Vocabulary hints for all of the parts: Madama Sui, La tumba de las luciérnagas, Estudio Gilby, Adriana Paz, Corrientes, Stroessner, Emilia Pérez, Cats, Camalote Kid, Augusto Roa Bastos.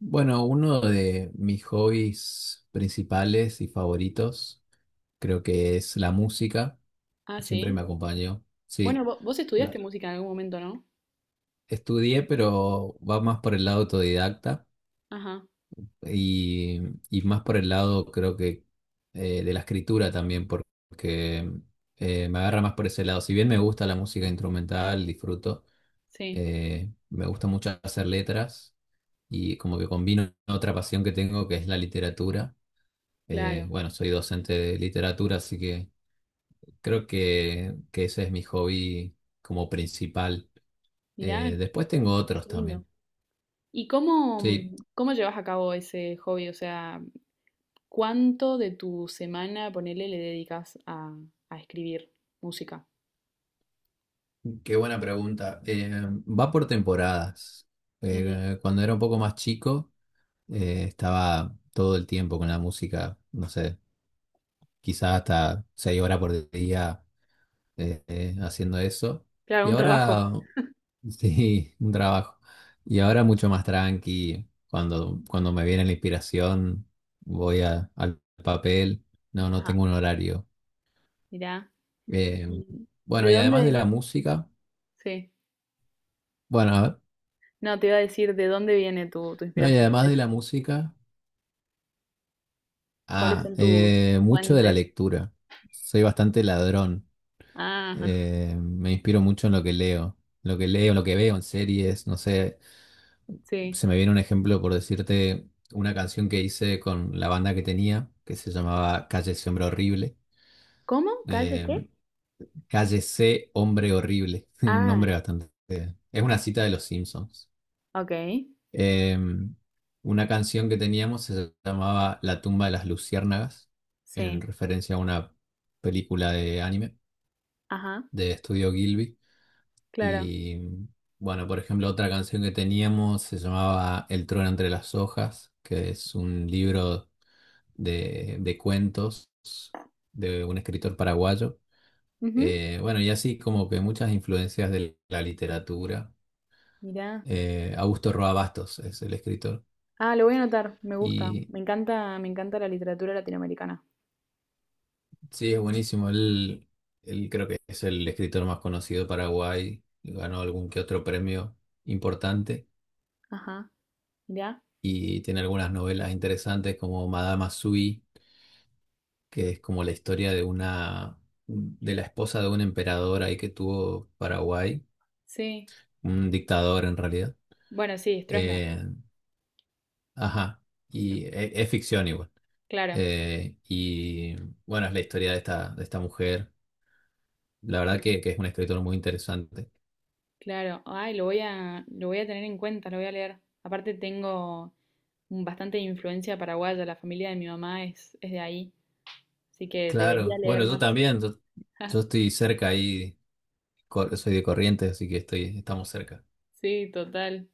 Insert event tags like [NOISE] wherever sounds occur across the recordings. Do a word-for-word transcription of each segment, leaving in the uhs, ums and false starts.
Bueno, uno de mis hobbies principales y favoritos creo que es la música. Ah, Siempre me sí. acompañó. Bueno, Sí, vo- vos, estudiaste La- música en algún momento, ¿no? estudié, pero va más por el lado autodidacta Ajá, y, y más por el lado creo que eh, de la escritura también, porque eh, me agarra más por ese lado. Si bien me gusta la música instrumental, disfruto, sí, eh, me gusta mucho hacer letras y como que combino otra pasión que tengo que es la literatura. Eh, claro. Bueno, soy docente de literatura, así que creo que, que ese es mi hobby como principal. Mirá, Eh, después tengo otros qué lindo. también. ¿Y cómo, Sí, cómo llevas a cabo ese hobby? O sea, ¿cuánto de tu semana, ponele, le dedicas a, a escribir música? qué buena pregunta. Eh, va por temporadas. Ujú. Eh, cuando era un poco más chico, eh, estaba todo el tiempo con la música, no sé, quizás hasta seis horas por día eh, eh, haciendo eso. Claro, Y un trabajo. ahora sí, un trabajo. Y ahora mucho más tranqui. Cuando, cuando me viene la inspiración, voy a- al papel. No, no Ajá, tengo un horario. mirá. Eh, ¿Y bueno, ¿De y además de dónde? la música, Sí. bueno, a ver, No, te iba a decir, ¿de dónde viene tu, tu no, y inspiración? además ¿Cuáles, de la música, cuáles ah, son tus eh, mucho de la fuentes? lectura. Soy bastante ladrón. Ah, Eh, me inspiro mucho en lo que leo. Lo que leo, lo que veo en series, no sé. sí. Se me viene un ejemplo por decirte una canción que hice con la banda que tenía, que se llamaba Calle ese hombre horrible. ¿Cómo? ¿Calle Eh, qué? Calle C hombre horrible, [LAUGHS] un nombre Ah, bastante. Es una cita de los Simpsons. ok. Eh, una canción que teníamos se llamaba La tumba de las luciérnagas, en Sí, referencia a una película de anime ajá, de Estudio Gilby. claro. Y mm, bueno, por ejemplo, otra canción que teníamos se llamaba El trueno entre las hojas, que es un libro de, de cuentos de un escritor paraguayo. Ujú. Eh, bueno, y así como que muchas influencias de la literatura. Mirá. Eh, Augusto Roa Bastos es el escritor. Ah, lo voy a anotar, me gusta. Y Me encanta, me encanta la literatura latinoamericana. sí, es buenísimo. Él, él creo que es el escritor más conocido de Paraguay. Ganó algún que otro premio importante. Ajá, mirá. Y tiene algunas novelas interesantes como Madama Sui, que es como la historia de una de la esposa de un emperador ahí que tuvo Paraguay, Sí. un dictador en realidad. Bueno, sí, Stroessner, Eh, ajá. Y e- es ficción igual. claro. Eh, y bueno, es la historia de esta, de esta mujer. La verdad Ujú. que, que es un escritor muy interesante. Claro. Ay, lo voy a, lo voy a tener en cuenta, lo voy a leer. Aparte tengo un- bastante influencia paraguaya, la familia de mi mamá es, es de ahí, así que debería Claro, leer bueno, yo más. también. Yo, yo [LAUGHS] estoy cerca ahí. Cor- soy de Corrientes, así que estoy, estamos cerca. Sí, total.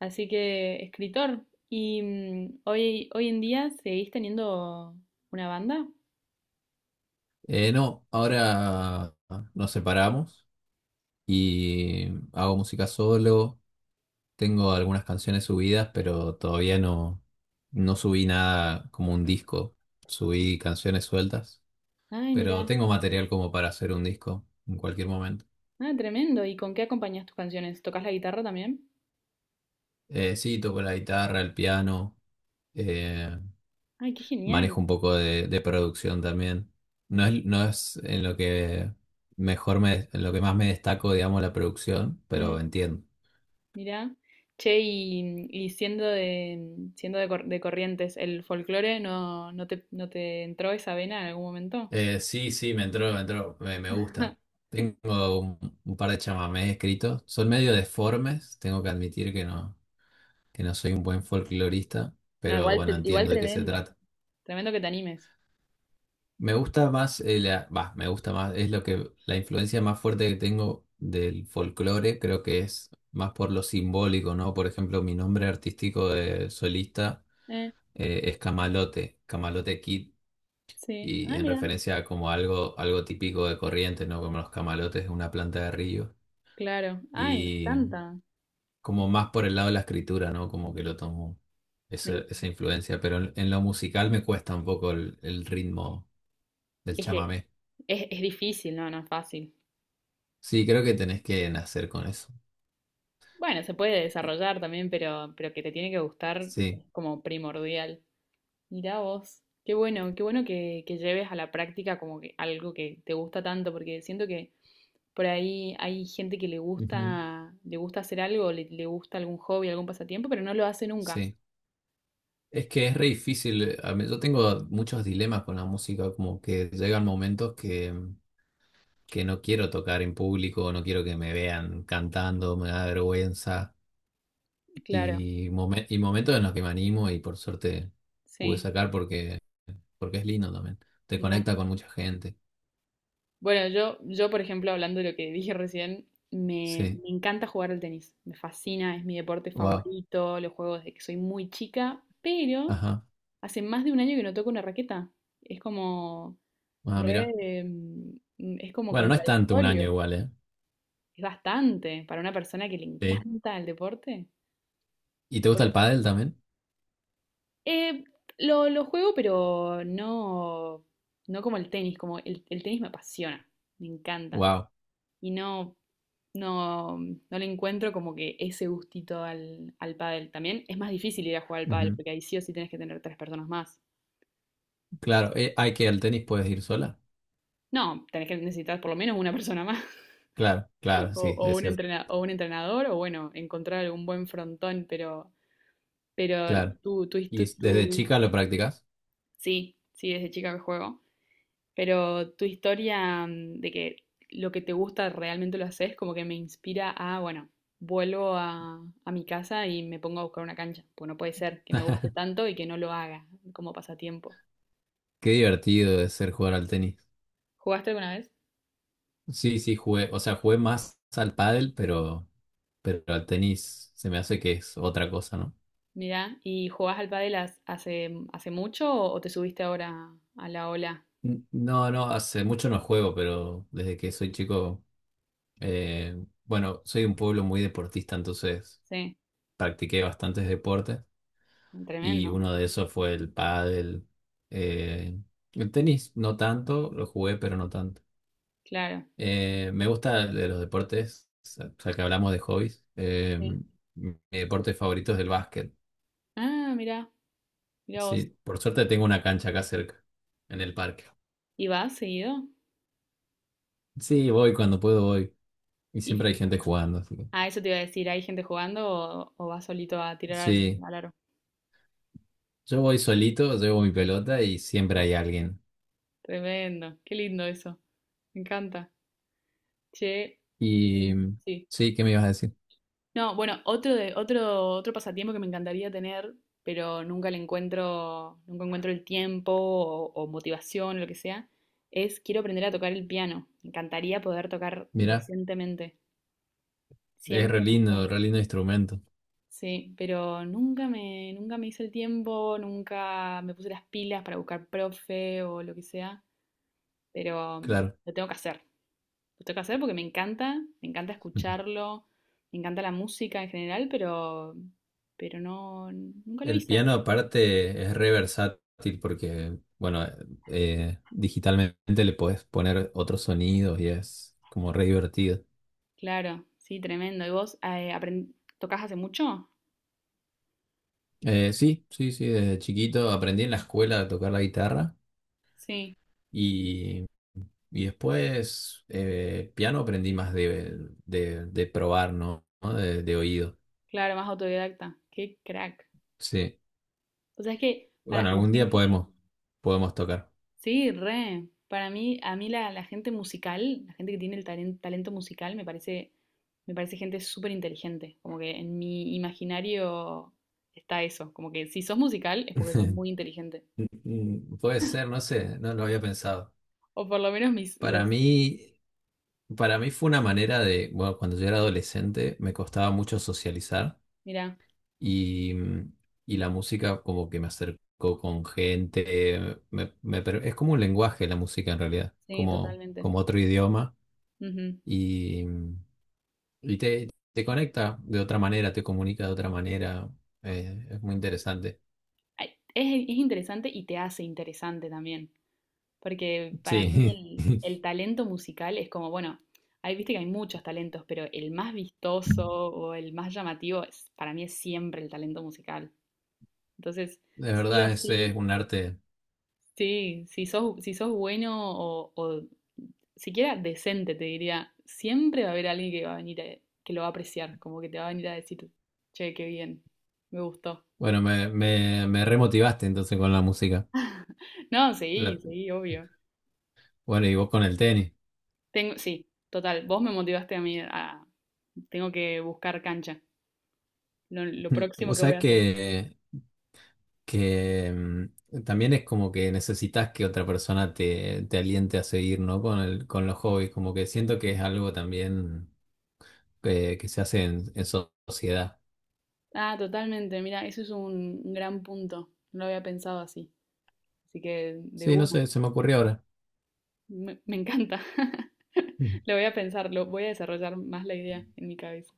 Así que, escritor, ¿y mm, hoy, hoy en día seguís teniendo una banda? Eh, no, ahora nos separamos y hago música solo. Tengo algunas canciones subidas, pero todavía no, no subí nada como un disco. Subí canciones sueltas, Ay, pero mira. tengo material como para hacer un disco en cualquier momento. Ah, tremendo. ¿Y con qué acompañas tus canciones? ¿Tocas la guitarra también? Eh, sí, toco la guitarra, el piano, eh, Ay, qué manejo genial. un poco de, de producción también. No es, no es en lo que mejor me, en lo que más me destaco, digamos, la producción, pero Mm, entiendo. mira. Che, y, y siendo de, siendo de, Cor- de Corrientes, ¿el folclore no, no te, no te entró esa vena en algún momento? Eh, sí, sí, me entró, me entró, me, me gusta. [LAUGHS] Tengo un, un par de chamamés escritos. Son medio deformes, tengo que admitir que no, que no soy un buen folclorista, No, pero igual, bueno, te- igual entiendo de qué se tremendo. trata. Tremendo que te animes. Me gusta más, eh, la, bah, me gusta más, es lo que la influencia más fuerte que tengo del folclore, creo que es más por lo simbólico, ¿no? Por ejemplo, mi nombre artístico de solista Eh, eh, es Camalote, Camalote Kid, sí. y Ah, en mira. referencia a como algo, algo típico de Corrientes, ¿no? Como los camalotes de una planta de río, Claro. Ay, me y encanta. como más por el lado de la escritura, ¿no? Como que lo tomo esa, Me- esa influencia, pero en, en lo musical me cuesta un poco el el ritmo del es que chamamé. es, es difícil, no, no es fácil. Sí, creo que tenés que nacer con eso. Bueno, se puede Y- desarrollar también, pero, pero que te tiene que gustar Sí, es como primordial. Mirá vos, qué bueno, qué bueno que, que lleves a la práctica como que algo que te gusta tanto, porque siento que por ahí hay gente que le ujú, gusta, le gusta hacer algo, le, le gusta algún hobby, algún pasatiempo, pero no lo hace nunca. sí. Es que es re difícil. eh, a mí- Yo tengo muchos dilemas con la música, como que llegan momentos que, que no quiero tocar en público, no quiero que me vean cantando, me da vergüenza. Claro, Y, momen- y momentos en los que me animo y por suerte pude sí, sacar porque, porque es lindo también. Te mirá. conecta con mucha gente. Bueno, yo, yo por ejemplo, hablando de lo que [LAUGHS] dije recién, me, Sí, me encanta jugar al tenis, me fascina, es mi deporte wow. favorito, lo juego desde que soy muy chica, pero Ajá. hace más de un año que no toco una raqueta. Es como Ah, mira. re, mm, es como Bueno, no es tanto un año contradictorio. igual, ¿eh? Es bastante para una persona que le Sí. encanta el deporte. ¿Y te gusta el pádel también? Eh, lo, lo juego, pero no, no como el tenis, como el, el tenis me apasiona, me encanta. Wow. Y no, no, no le encuentro como que ese gustito al, al pádel. También es más difícil ir a jugar al pádel, porque ahí sí o sí tenés que tener tres personas más. Claro, eh, hay que al tenis puedes ir sola. No, tenés que necesitar por lo menos una persona más. [LAUGHS] Claro, claro, O, sí, o es un cierto, entrena- o un entrenador, o bueno, encontrar algún buen frontón, pero, pero claro. tú tú his- ¿Y desde tu- chica lo practicas? sí, sí, desde chica que juego, pero tu historia, mm, de que lo que te gusta realmente lo haces, como que me inspira a, bueno, vuelvo a, a mi casa y me pongo a buscar una cancha, pues no puede ser que me guste [LAUGHS] tanto y que no lo haga como pasatiempo. Qué divertido es ser jugar al tenis. ¿Jugaste alguna vez? Sí, sí, jugué, o sea, jugué más al pádel, pero, pero al tenis se me hace que es otra cosa, ¿no? Mirá, ¿y jugás al pádel has- hace, mm, hace mucho o, o te subiste ahora a la ola? N- No, no, hace mucho no juego, pero desde que soy chico, eh, bueno, soy de un pueblo muy deportista, entonces Sí, practiqué bastantes deportes. Y tremendo, uno de esos fue el pádel. eh, el tenis, no tanto, lo jugué, pero no tanto. claro. Eh, me gusta de los deportes, o sea que hablamos de hobbies. eh, Sí. Mi deporte favorito es el básquet. Ah, mirá, mirá vos. Sí, por suerte tengo una cancha acá cerca, en el parque. ¿Y vas seguido? Sí, voy cuando puedo, voy. Y Y, siempre hay y- gente jugando, así que ah, eso te iba a decir, ¿hay gente jugando o, o vas solito a tirar al, sí, al aro? yo voy solito, llevo mi pelota y siempre hay alguien. Tremendo, qué lindo eso, me encanta. Che, mm, Y sí. sí, ¿qué me ibas a decir? No, bueno, otro de, otro, otro pasatiempo que me encantaría tener, pero nunca le encuentro, nunca encuentro el tiempo o, o motivación o lo que sea, es quiero aprender a tocar el piano. Me encantaría poder tocar Mirá, decentemente. es re Siempre me gustó. lindo, re lindo instrumento, Sí, pero nunca me, nunca me hice el tiempo, nunca me puse las pilas para buscar profe o lo que sea, pero mm, claro. lo tengo que hacer. Lo tengo que hacer porque me encanta, me encanta [LAUGHS] escucharlo, me encanta la música en general, pero, pero no, nunca lo El hice. piano aparte es re versátil porque, bueno, eh, digitalmente le podés poner otros sonidos y es como re divertido. Claro, sí, tremendo. ¿Y vos eh, apren- tocás hace mucho? Eh, sí, sí, sí, desde chiquito aprendí en la escuela a tocar la guitarra Sí, y, y después eh, piano aprendí más de, de, de probar, ¿no? ¿No? De, de oído. claro, más autodidacta. Qué crack. Sí. O sea, es que para Bueno, la algún día gente, podemos, podemos tocar. sí, re. Para mí, a mí la, la gente musical, la gente que tiene el talen- talento musical, me parece, me parece gente súper inteligente. Como que en mi imaginario está eso. Como que si sos musical es porque sos muy [LAUGHS] inteligente. Mm, Puede ser, no sé, no lo había pensado. O por lo menos mis, Para los, mí. Para mí fue una manera de, bueno, cuando yo era adolescente me costaba mucho socializar mirá, y, mm, y la música como que me acercó con gente, me- me per- es como un lenguaje la música en realidad, sí, como, totalmente. como otro idioma Ujú. y, mm, y te, te conecta de otra manera, te comunica de otra manera, eh, es muy interesante. Ay, Es, es interesante y te hace interesante también, porque para Sí, mí el, el [LAUGHS] talento musical es como, bueno, ahí viste que hay muchos talentos, pero el más vistoso o el más llamativo es, para mí es siempre el talento musical. Entonces, de sí o verdad ese es sí, un arte. sí, si sos, si sos bueno o, o siquiera decente, te diría, siempre va a haber alguien que va a venir a- que lo va a apreciar, como que te va a venir a decir, che, qué bien, me gustó. Bueno, me, me, me remotivaste entonces con la música. No, sí, La- sí, obvio. bueno, y vos con el tenis. Tengo, sí, total, vos me motivaste a mí a, tengo que buscar cancha, lo, lo próximo O que voy sea a hacer. que, que mm también es como que necesitas que otra persona te, te aliente a seguir, ¿no? Con el, con los hobbies, como que siento que es algo también que, que se hace en, en so- sociedad. Ah, totalmente, mira, eso es un, un gran punto, no lo había pensado así, así que de Sí, no una. sé, se me ocurrió ahora. Me, me encanta. [LAUGHS] Mm. Lo voy a pensar, lo voy a desarrollar más la idea en mi cabeza.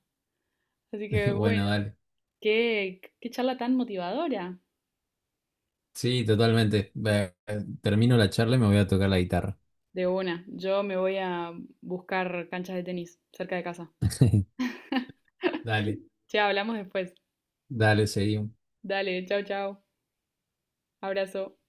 Así [LAUGHS] que Bueno, bueno, dale. qué, qué charla tan motivadora. Sí, totalmente. Ve- eh, Termino la charla y me voy a tocar la guitarra. De una, yo me voy a buscar canchas de tenis cerca de casa. [LAUGHS] [LAUGHS] Dale, Ya hablamos después. dale, seguimos. Dale, chao, chao. Abrazo.